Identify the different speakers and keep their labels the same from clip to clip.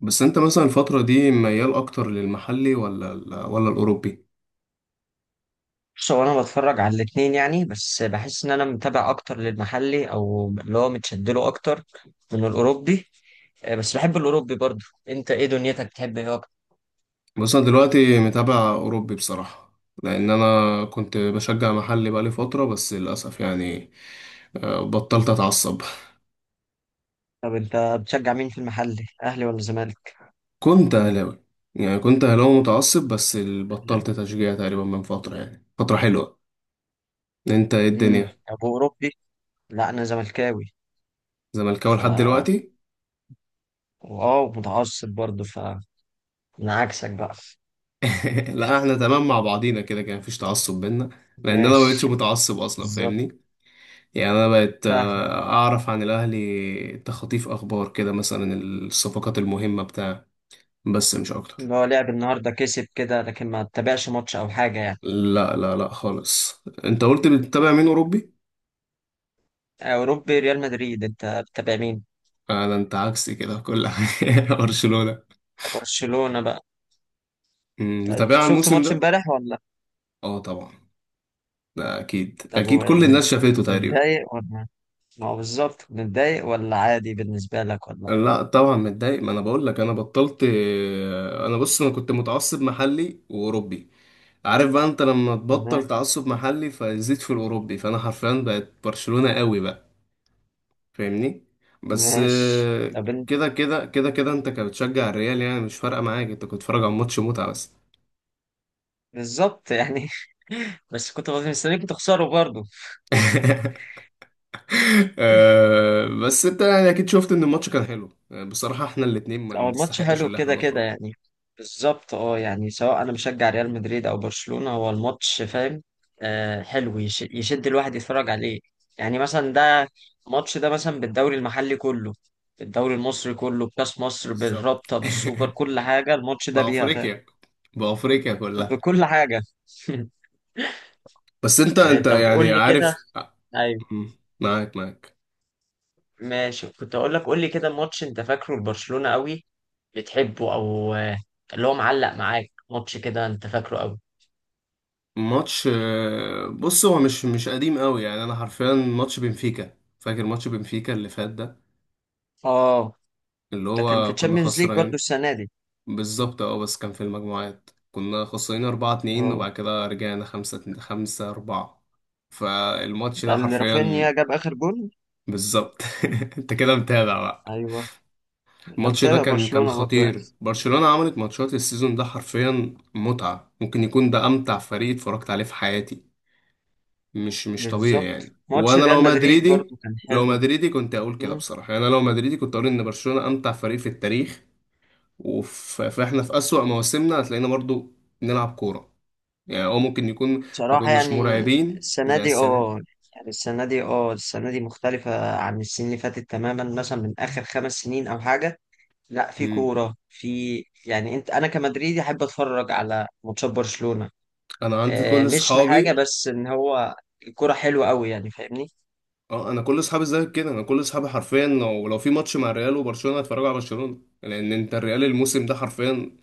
Speaker 1: بس انت مثلا الفترة دي ميال اكتر للمحلي ولا ولا الاوروبي؟
Speaker 2: بص، هو انا بتفرج على الاتنين يعني. بس بحس ان انا متابع اكتر للمحلي، او اللي هو متشدله اكتر من الاوروبي. بس بحب الاوروبي برضه. انت ايه دنيتك؟ بتحب ايه اكتر؟
Speaker 1: بس انا دلوقتي متابع اوروبي بصراحة. لان انا كنت بشجع محلي بقالي فترة بس للاسف يعني بطلت اتعصب.
Speaker 2: طب انت بتشجع مين في المحلي، اهلي ولا زمالك؟
Speaker 1: كنت اهلاوي، يعني كنت اهلاوي متعصب بس بطلت تشجيع تقريبا من فترة يعني فترة حلوة. انت ايه الدنيا؟
Speaker 2: ابو اوروبي. لا انا زملكاوي.
Speaker 1: زملكاوي
Speaker 2: ف
Speaker 1: لحد دلوقتي.
Speaker 2: واو، متعصب برضه. انا عكسك بقى.
Speaker 1: لا احنا تمام مع بعضينا كده، كان مفيش تعصب بينا. لان انا ما بقتش
Speaker 2: ماشي.
Speaker 1: متعصب اصلا
Speaker 2: بالظبط.
Speaker 1: فاهمني. يعني أنا بقت
Speaker 2: فاهم.
Speaker 1: أعرف عن الأهلي تخطيف أخبار كده، مثلا الصفقات المهمة بتاع. بس مش أكتر.
Speaker 2: اللي هو لعب النهارده كسب كده، لكن ما تتابعش ماتش او حاجه يعني.
Speaker 1: لا لا لا خالص، أنت قلت بتتابع مين؟ أوروبي؟
Speaker 2: اوروبي، ريال مدريد. انت بتتابع مين؟
Speaker 1: آه ده أنت عكسي كده في كل حاجة. برشلونة.
Speaker 2: برشلونة بقى. طب
Speaker 1: متابعها
Speaker 2: شفت
Speaker 1: الموسم
Speaker 2: ماتش
Speaker 1: ده؟
Speaker 2: امبارح ولا؟
Speaker 1: أه طبعا، ده أكيد
Speaker 2: طب
Speaker 1: أكيد كل الناس شافته تقريبا.
Speaker 2: متضايق ولا؟ ما هو بالظبط، متضايق ولا عادي بالنسبة لك ولا؟
Speaker 1: لا طبعا متضايق، ما أنا بقول لك أنا بطلت. أنا بص أنا كنت متعصب محلي وأوروبي. عارف بقى انت لما
Speaker 2: ما-
Speaker 1: تبطل تعصب محلي فيزيد في الاوروبي، فانا حرفيا بقت برشلونة قوي بقى، فاهمني. بس
Speaker 2: ماشي. طب
Speaker 1: كده كده كده كده انت كنت بتشجع الريال يعني مش فارقه معاك، انت كنت بتتفرج على ماتش متعه بس.
Speaker 2: بالظبط يعني. بس كنت مستنيكم تخسروا برضه.
Speaker 1: بس انت يعني اكيد شفت ان الماتش كان حلو. بصراحه احنا الاتنين ما
Speaker 2: هو الماتش
Speaker 1: نستحقش
Speaker 2: حلو
Speaker 1: اللي احنا
Speaker 2: كده كده
Speaker 1: نخرج.
Speaker 2: يعني. بالظبط اه يعني سواء انا مشجع ريال مدريد او برشلونة، هو الماتش فاهم. آه حلو، يشد الواحد يتفرج عليه. يعني مثلا ده الماتش ده مثلا بالدوري المحلي كله، بالدوري المصري كله، بكاس مصر،
Speaker 1: بالظبط.
Speaker 2: بالرابطة، بالسوبر، كل حاجة الماتش ده بيها فاهم.
Speaker 1: بافريقيا، بافريقيا كلها.
Speaker 2: بكل حاجة.
Speaker 1: بس انت
Speaker 2: آه طب
Speaker 1: يعني
Speaker 2: قول لي كده.
Speaker 1: عارف.
Speaker 2: ايوه،
Speaker 1: م، معاك معاك.
Speaker 2: ماشي. كنت اقول لك، قول لي كده ماتش انت فاكره لبرشلونة قوي بتحبه، او اللي هو معلق معاك ماتش كده انت فاكره قوي.
Speaker 1: ماتش بص هو مش قديم قوي، يعني انا حرفيا ماتش بنفيكا، فاكر ماتش بنفيكا اللي فات ده
Speaker 2: اه،
Speaker 1: اللي
Speaker 2: ده كان في
Speaker 1: هو كنا
Speaker 2: تشامبيونز ليج برضو
Speaker 1: خسرانين.
Speaker 2: السنة دي.
Speaker 1: بالظبط اه، بس كان في المجموعات كنا خسرانين 4 2
Speaker 2: اه
Speaker 1: وبعد كده رجعنا 5 5 4. فالماتش
Speaker 2: ده
Speaker 1: ده
Speaker 2: اللي رافينيا
Speaker 1: حرفيا.
Speaker 2: جاب آخر جول.
Speaker 1: بالظبط. انت كده متابع بقى.
Speaker 2: ايوه، انا
Speaker 1: الماتش ده
Speaker 2: متابع
Speaker 1: كان
Speaker 2: برشلونة برضو يعني.
Speaker 1: خطير، برشلونة عملت ماتشات السيزون ده حرفيا متعة، ممكن يكون ده امتع فريق اتفرجت عليه في حياتي. مش طبيعي
Speaker 2: بالظبط.
Speaker 1: يعني،
Speaker 2: ماتش
Speaker 1: وانا لو
Speaker 2: ريال مدريد
Speaker 1: مدريدي،
Speaker 2: برضو كان
Speaker 1: لو
Speaker 2: حلو.
Speaker 1: مدريدي كنت اقول كده
Speaker 2: مم.
Speaker 1: بصراحه، يعني انا لو مدريدي كنت اقول ان برشلونه امتع فريق في التاريخ. فاحنا في اسوأ مواسمنا هتلاقينا برضو نلعب كوره، يعني او ممكن يكون ما
Speaker 2: بصراحة
Speaker 1: كناش
Speaker 2: يعني
Speaker 1: مرعبين
Speaker 2: السنة
Speaker 1: زي
Speaker 2: دي
Speaker 1: السنه دي.
Speaker 2: اه يعني السنة دي اه السنة دي مختلفة عن السنين اللي فاتت تماما، مثلا من آخر خمس سنين أو حاجة. لا في
Speaker 1: مم.
Speaker 2: كورة في. يعني انت انا كمدريدي احب اتفرج على ماتشات برشلونة.
Speaker 1: انا عندي كل
Speaker 2: مش لحاجة،
Speaker 1: اصحابي.
Speaker 2: بس ان هو الكورة حلوة قوي يعني فاهمني.
Speaker 1: اه انا كل اصحابي زي كده، انا كل اصحابي حرفيا لو في ماتش مع الريال وبرشلونه هتفرجوا على برشلونه، لان انت الريال الموسم ده حرفيا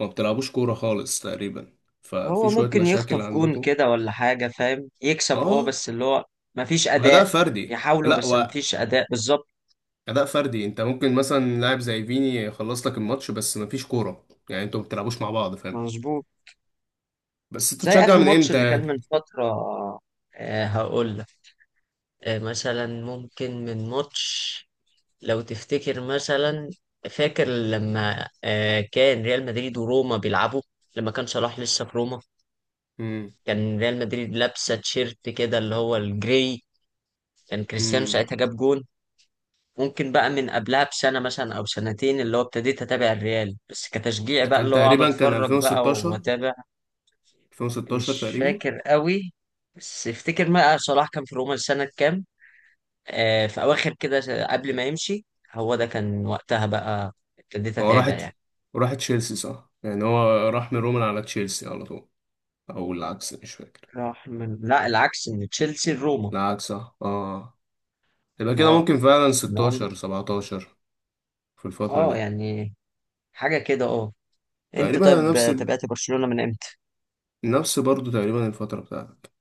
Speaker 1: ما بتلعبوش كوره خالص تقريبا، ففي
Speaker 2: هو
Speaker 1: شويه
Speaker 2: ممكن
Speaker 1: مشاكل
Speaker 2: يخطف جون
Speaker 1: عندكم.
Speaker 2: كده ولا حاجة فاهم، يكسب اه
Speaker 1: اه
Speaker 2: بس اللي هو مفيش
Speaker 1: وأداء
Speaker 2: أداء.
Speaker 1: فردي،
Speaker 2: يحاولوا
Speaker 1: لا
Speaker 2: بس
Speaker 1: وأداء
Speaker 2: مفيش أداء بالظبط.
Speaker 1: فردي، أنت ممكن مثلا لاعب زي فيني يخلص لك الماتش بس مفيش كورة، يعني أنتوا ما بتلعبوش مع بعض فاهم.
Speaker 2: مظبوط.
Speaker 1: بس أنتوا
Speaker 2: زي
Speaker 1: بتشجع
Speaker 2: آخر
Speaker 1: من
Speaker 2: ماتش
Speaker 1: إمتى
Speaker 2: اللي
Speaker 1: يعني؟
Speaker 2: كان من فترة. آه هقول لك. آه مثلا ممكن من ماتش، لو تفتكر مثلا، فاكر لما آه كان ريال مدريد وروما بيلعبوا، لما كان صلاح لسه في روما،
Speaker 1: امم.
Speaker 2: كان ريال مدريد لابسة تيشيرت كده اللي هو الجري. كان كريستيانو
Speaker 1: امم.
Speaker 2: ساعتها جاب جون. ممكن بقى من قبلها بسنة مثلا أو سنتين اللي هو ابتديت أتابع الريال، بس كتشجيع
Speaker 1: ده
Speaker 2: بقى
Speaker 1: كان
Speaker 2: اللي هو أقعد
Speaker 1: تقريبا كان
Speaker 2: أتفرج بقى
Speaker 1: 2016،
Speaker 2: وأتابع.
Speaker 1: 2016
Speaker 2: مش
Speaker 1: تقريبا.
Speaker 2: فاكر قوي. بس افتكر بقى صلاح كان في روما سنة كام. آه في أواخر كده قبل ما يمشي. هو ده كان وقتها بقى. ابتديت
Speaker 1: هو
Speaker 2: أتابع
Speaker 1: راحت،
Speaker 2: يعني.
Speaker 1: راح تشيلسي صح؟ يعني هو راح من روما على تشيلسي على طول، أو العكس مش فاكر.
Speaker 2: راح من، لا العكس، من تشيلسي لروما.
Speaker 1: العكس صح آه. يبقى كده
Speaker 2: اه
Speaker 1: ممكن فعلا
Speaker 2: إن هو-
Speaker 1: 16 17 في الفترة
Speaker 2: اه
Speaker 1: دي.
Speaker 2: يعني حاجة كده اه. انت
Speaker 1: تقريبا
Speaker 2: طيب
Speaker 1: نفس ال...
Speaker 2: تابعت برشلونة من امتى؟
Speaker 1: نفس برضه تقريبا الفترة بتاعتك،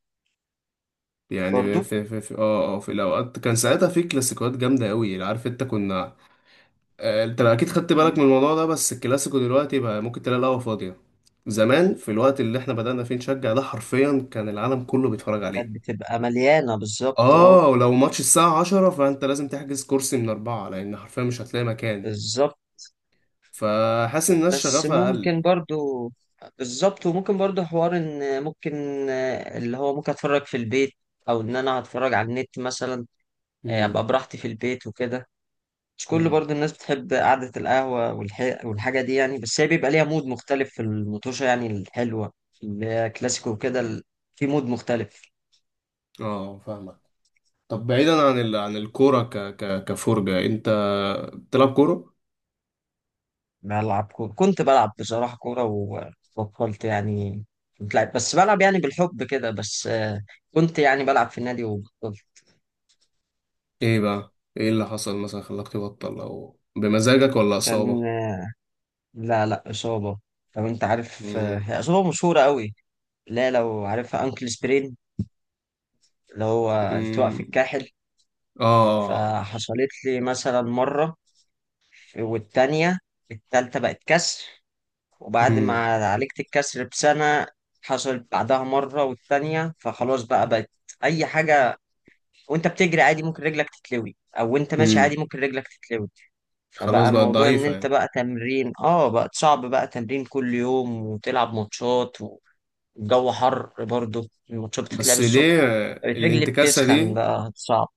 Speaker 1: يعني
Speaker 2: برضو.
Speaker 1: في في الاوقات كان ساعتها في كلاسيكوات جامده قوي عارف انت كنا. انت اكيد خدت
Speaker 2: مم.
Speaker 1: بالك من الموضوع ده، بس الكلاسيكو دلوقتي بقى ممكن تلاقي القهوه فاضيه. زمان في الوقت اللي احنا بدأنا فيه نشجع، ده حرفيا كان العالم كله بيتفرج
Speaker 2: كانت
Speaker 1: عليه.
Speaker 2: بتبقى مليانة بالظبط اه.
Speaker 1: اه، ولو ماتش الساعه 10 فانت لازم تحجز كرسي من اربعه، لان حرفيا مش هتلاقي مكان.
Speaker 2: بالظبط.
Speaker 1: فحاسس ان الناس
Speaker 2: بس
Speaker 1: شغفها اقل.
Speaker 2: ممكن برضو، بالظبط. وممكن برضو حوار ان ممكن اللي هو ممكن اتفرج في البيت، او ان انا هتفرج على النت مثلا.
Speaker 1: امم.
Speaker 2: ابقى براحتي في البيت وكده. مش كل
Speaker 1: امم.
Speaker 2: برضو الناس بتحب قعدة القهوة والحاجة دي يعني. بس هي بيبقى ليها مود مختلف في المطوشة يعني الحلوة اللي هي كلاسيكو وكده في مود مختلف.
Speaker 1: اه فاهمك. طب بعيدا عن عن الكوره كفرجه، انت بتلعب كوره؟
Speaker 2: بلعب كورة، كنت بلعب بصراحة كورة وبطلت يعني. كنت لعب، بس بلعب يعني بالحب كده، بس كنت يعني بلعب في النادي وبطلت.
Speaker 1: ايه بقى؟ ايه اللي حصل مثلا خلاك تبطل؟ او بمزاجك ولا
Speaker 2: كان،
Speaker 1: اصابة؟
Speaker 2: لا لا إصابة. لو أنت عارف
Speaker 1: امم.
Speaker 2: هي إصابة مشهورة قوي. لا لو عارفها، أنكل سبرين، اللي هو التواء في
Speaker 1: امم.
Speaker 2: الكاحل.
Speaker 1: اه.
Speaker 2: فحصلت لي مثلا مرة، والتانية، التالتة بقت كسر. وبعد ما
Speaker 1: امم.
Speaker 2: عالجت الكسر بسنة، حصلت بعدها مرة والتانية، فخلاص بقى بقت أي حاجة. وأنت بتجري عادي ممكن رجلك تتلوي، أو وأنت ماشي
Speaker 1: امم.
Speaker 2: عادي ممكن رجلك تتلوي.
Speaker 1: خلاص
Speaker 2: فبقى
Speaker 1: بقت
Speaker 2: موضوع إن
Speaker 1: ضعيفة
Speaker 2: أنت
Speaker 1: يعني.
Speaker 2: بقى تمرين آه بقى صعب بقى تمرين كل يوم وتلعب ماتشات، الجو حر برضه، الماتشات بتتلعب
Speaker 1: بس ليه
Speaker 2: الصبح، الرجل
Speaker 1: الانتكاسة
Speaker 2: بتسخن
Speaker 1: دي؟
Speaker 2: بقى صعب.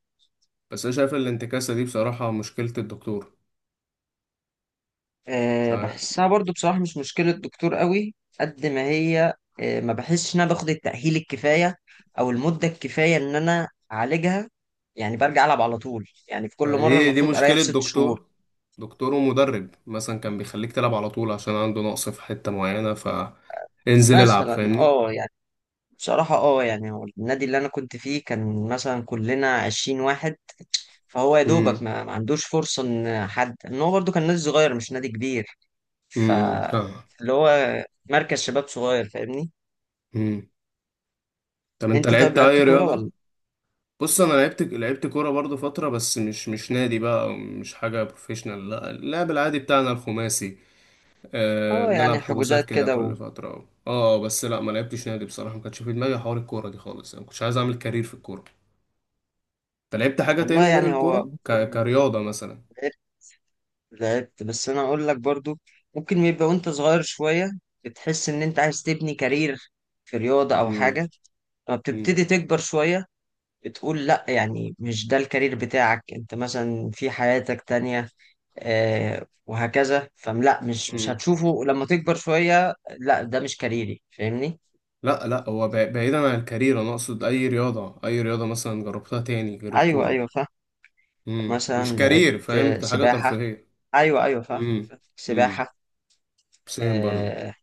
Speaker 1: بس انا شايف الانتكاسة دي بصراحة مشكلة الدكتور. مش
Speaker 2: أه
Speaker 1: عارف،
Speaker 2: بحسها برضه بصراحة مش مشكلة دكتور قوي قد ما هي. أه ما بحسش إن أنا باخد التأهيل الكفاية أو المدة الكفاية إن أنا أعالجها. يعني برجع ألعب على طول يعني. في كل
Speaker 1: ما
Speaker 2: مرة
Speaker 1: دي
Speaker 2: المفروض أريح
Speaker 1: مشكلة
Speaker 2: ست شهور
Speaker 1: دكتور، دكتور ومدرب مثلا كان بيخليك تلعب على طول عشان عنده نقص في حتة معينة، فانزل العب
Speaker 2: مثلا
Speaker 1: فاهمني.
Speaker 2: اه يعني. بصراحة اه يعني هو النادي اللي أنا كنت فيه كان مثلا كلنا عشرين واحد. فهو يا دوبك
Speaker 1: امم.
Speaker 2: ما عندوش فرصة إن حد، إن هو برضه كان نادي صغير مش نادي كبير. ف
Speaker 1: فاهم.
Speaker 2: اللي هو مركز شباب صغير فاهمني.
Speaker 1: امم. طب انت
Speaker 2: انت طيب
Speaker 1: لعبت
Speaker 2: لعبت
Speaker 1: اي
Speaker 2: كورة
Speaker 1: رياضة؟
Speaker 2: ولا؟
Speaker 1: بص انا لعبت كوره برضو فتره، بس مش نادي بقى، أو مش حاجه بروفيشنال، لا اللعب العادي بتاعنا الخماسي. أه
Speaker 2: اه يعني
Speaker 1: بنلعب حجوزات
Speaker 2: حجوزات
Speaker 1: كده
Speaker 2: كده و...
Speaker 1: كل فتره اه، بس لا ما لعبتش نادي بصراحه، ما كانش في دماغي حوار الكوره دي خالص، انا ما كنتش عايز اعمل كارير في الكوره. انت لعبت حاجه
Speaker 2: والله
Speaker 1: تاني غير
Speaker 2: يعني هو
Speaker 1: الكوره
Speaker 2: ممكن
Speaker 1: كرياضه مثلا؟
Speaker 2: لعبت لعبت بس انا اقول لك برضو، ممكن يبقى وانت صغير شوية بتحس ان انت عايز تبني كارير في رياضة او
Speaker 1: امم.
Speaker 2: حاجة. لما
Speaker 1: امم.
Speaker 2: بتبتدي تكبر شوية بتقول لا، يعني مش ده الكارير بتاعك انت مثلا في حياتك تانية. وهكذا. فلا مش
Speaker 1: امم.
Speaker 2: هتشوفه لما تكبر شوية، لا ده مش كاريري فاهمني.
Speaker 1: لا لا، هو بعيدا عن الكارير، انا اقصد اي رياضه، اي رياضه مثلا جربتها تاني غير
Speaker 2: ايوه
Speaker 1: الكوره.
Speaker 2: ايوه فاهم.
Speaker 1: امم، مش
Speaker 2: مثلا لقيت
Speaker 1: كارير، فهمت، حاجه
Speaker 2: سباحة.
Speaker 1: ترفيهيه.
Speaker 2: أيوه أيوه فاهم.
Speaker 1: امم. امم.
Speaker 2: سباحة.
Speaker 1: سيم برضو.
Speaker 2: آه،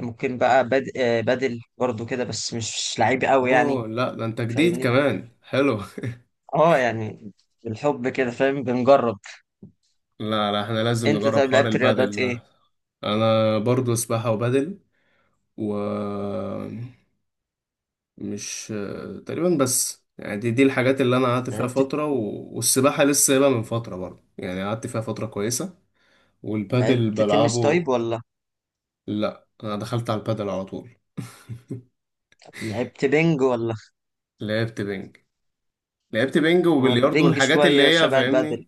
Speaker 2: ممكن بقى بدل برضو كده بس مش لعيب قوي يعني
Speaker 1: اوه لا، ده انت جديد
Speaker 2: فاهمني.
Speaker 1: كمان، حلو.
Speaker 2: اه يعني بالحب كده فاهم بنجرب.
Speaker 1: لا لا احنا لازم
Speaker 2: انت
Speaker 1: نجرب
Speaker 2: طيب
Speaker 1: حوار
Speaker 2: لعبت رياضات
Speaker 1: البادل
Speaker 2: ايه؟
Speaker 1: ده. انا برضو سباحة وبادل. و... مش... تقريبا بس، يعني دي الحاجات اللي انا قعدت فيها
Speaker 2: لعبت
Speaker 1: فترة و... والسباحة لسه سايبها من فترة برضو، يعني قعدت فيها فترة كويسة، والبادل
Speaker 2: لعبت تنس طيب
Speaker 1: بلعبه.
Speaker 2: ولا؟
Speaker 1: لا انا دخلت على البادل على طول.
Speaker 2: لعبت بينج ولا؟
Speaker 1: لعبت بينج. لعبت بينج
Speaker 2: هو
Speaker 1: وبلياردو
Speaker 2: البينج
Speaker 1: والحاجات اللي
Speaker 2: شوية
Speaker 1: هي
Speaker 2: شبه البدل
Speaker 1: فاهمني.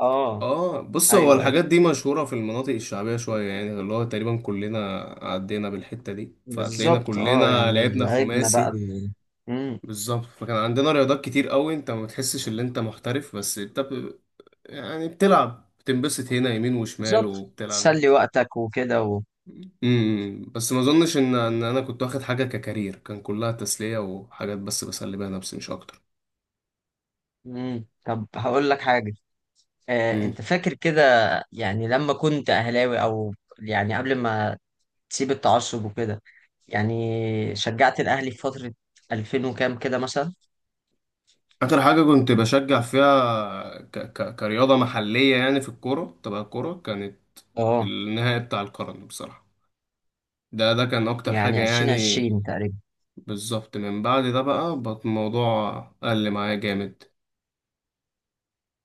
Speaker 2: اه.
Speaker 1: اه بص هو
Speaker 2: ايوه ايوه
Speaker 1: الحاجات دي مشهورة في المناطق الشعبية شوية، يعني اللي هو تقريبا كلنا عدينا بالحتة دي، فهتلاقينا
Speaker 2: بالظبط اه.
Speaker 1: كلنا
Speaker 2: يعني
Speaker 1: لعبنا
Speaker 2: لعبنا بقى
Speaker 1: خماسي.
Speaker 2: مم.
Speaker 1: بالظبط. فكان عندنا رياضات كتير قوي، انت ما بتحسش ان انت محترف بس انت ب... يعني بتلعب بتنبسط هنا يمين وشمال،
Speaker 2: بالظبط
Speaker 1: وبتلعب ده.
Speaker 2: تسلي وقتك وكده و...
Speaker 1: امم، بس ما اظنش ان انا كنت واخد حاجة ككارير، كان كلها تسلية وحاجات بس بسلي بيها نفسي مش اكتر.
Speaker 2: مم. طب هقول لك حاجة انت فاكر كده يعني لما كنت اهلاوي، او يعني قبل ما تسيب التعصب وكده، يعني شجعت الاهلي في فترة 2000 وكام كده مثلا
Speaker 1: آخر حاجة كنت بشجع فيها كرياضة محلية يعني في الكورة، تبع الكورة كانت
Speaker 2: اه
Speaker 1: النهائي بتاع القرن بصراحة. ده ده كان أكتر حاجة
Speaker 2: يعني
Speaker 1: يعني.
Speaker 2: 2020 تقريبا؟
Speaker 1: بالظبط، من بعد ده بقى الموضوع قل معايا جامد.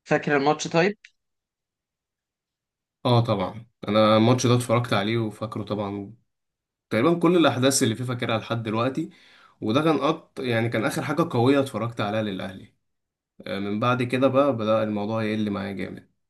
Speaker 2: فاكر الماتش طيب؟
Speaker 1: اه طبعا أنا الماتش ده اتفرجت عليه وفاكره طبعا، تقريبا كل الأحداث اللي فيه فاكرها لحد دلوقتي. وده كان يعني كان آخر حاجة قوية اتفرجت عليها للأهلي. من بعد كده بقى بدأ الموضوع يقل معايا جامد.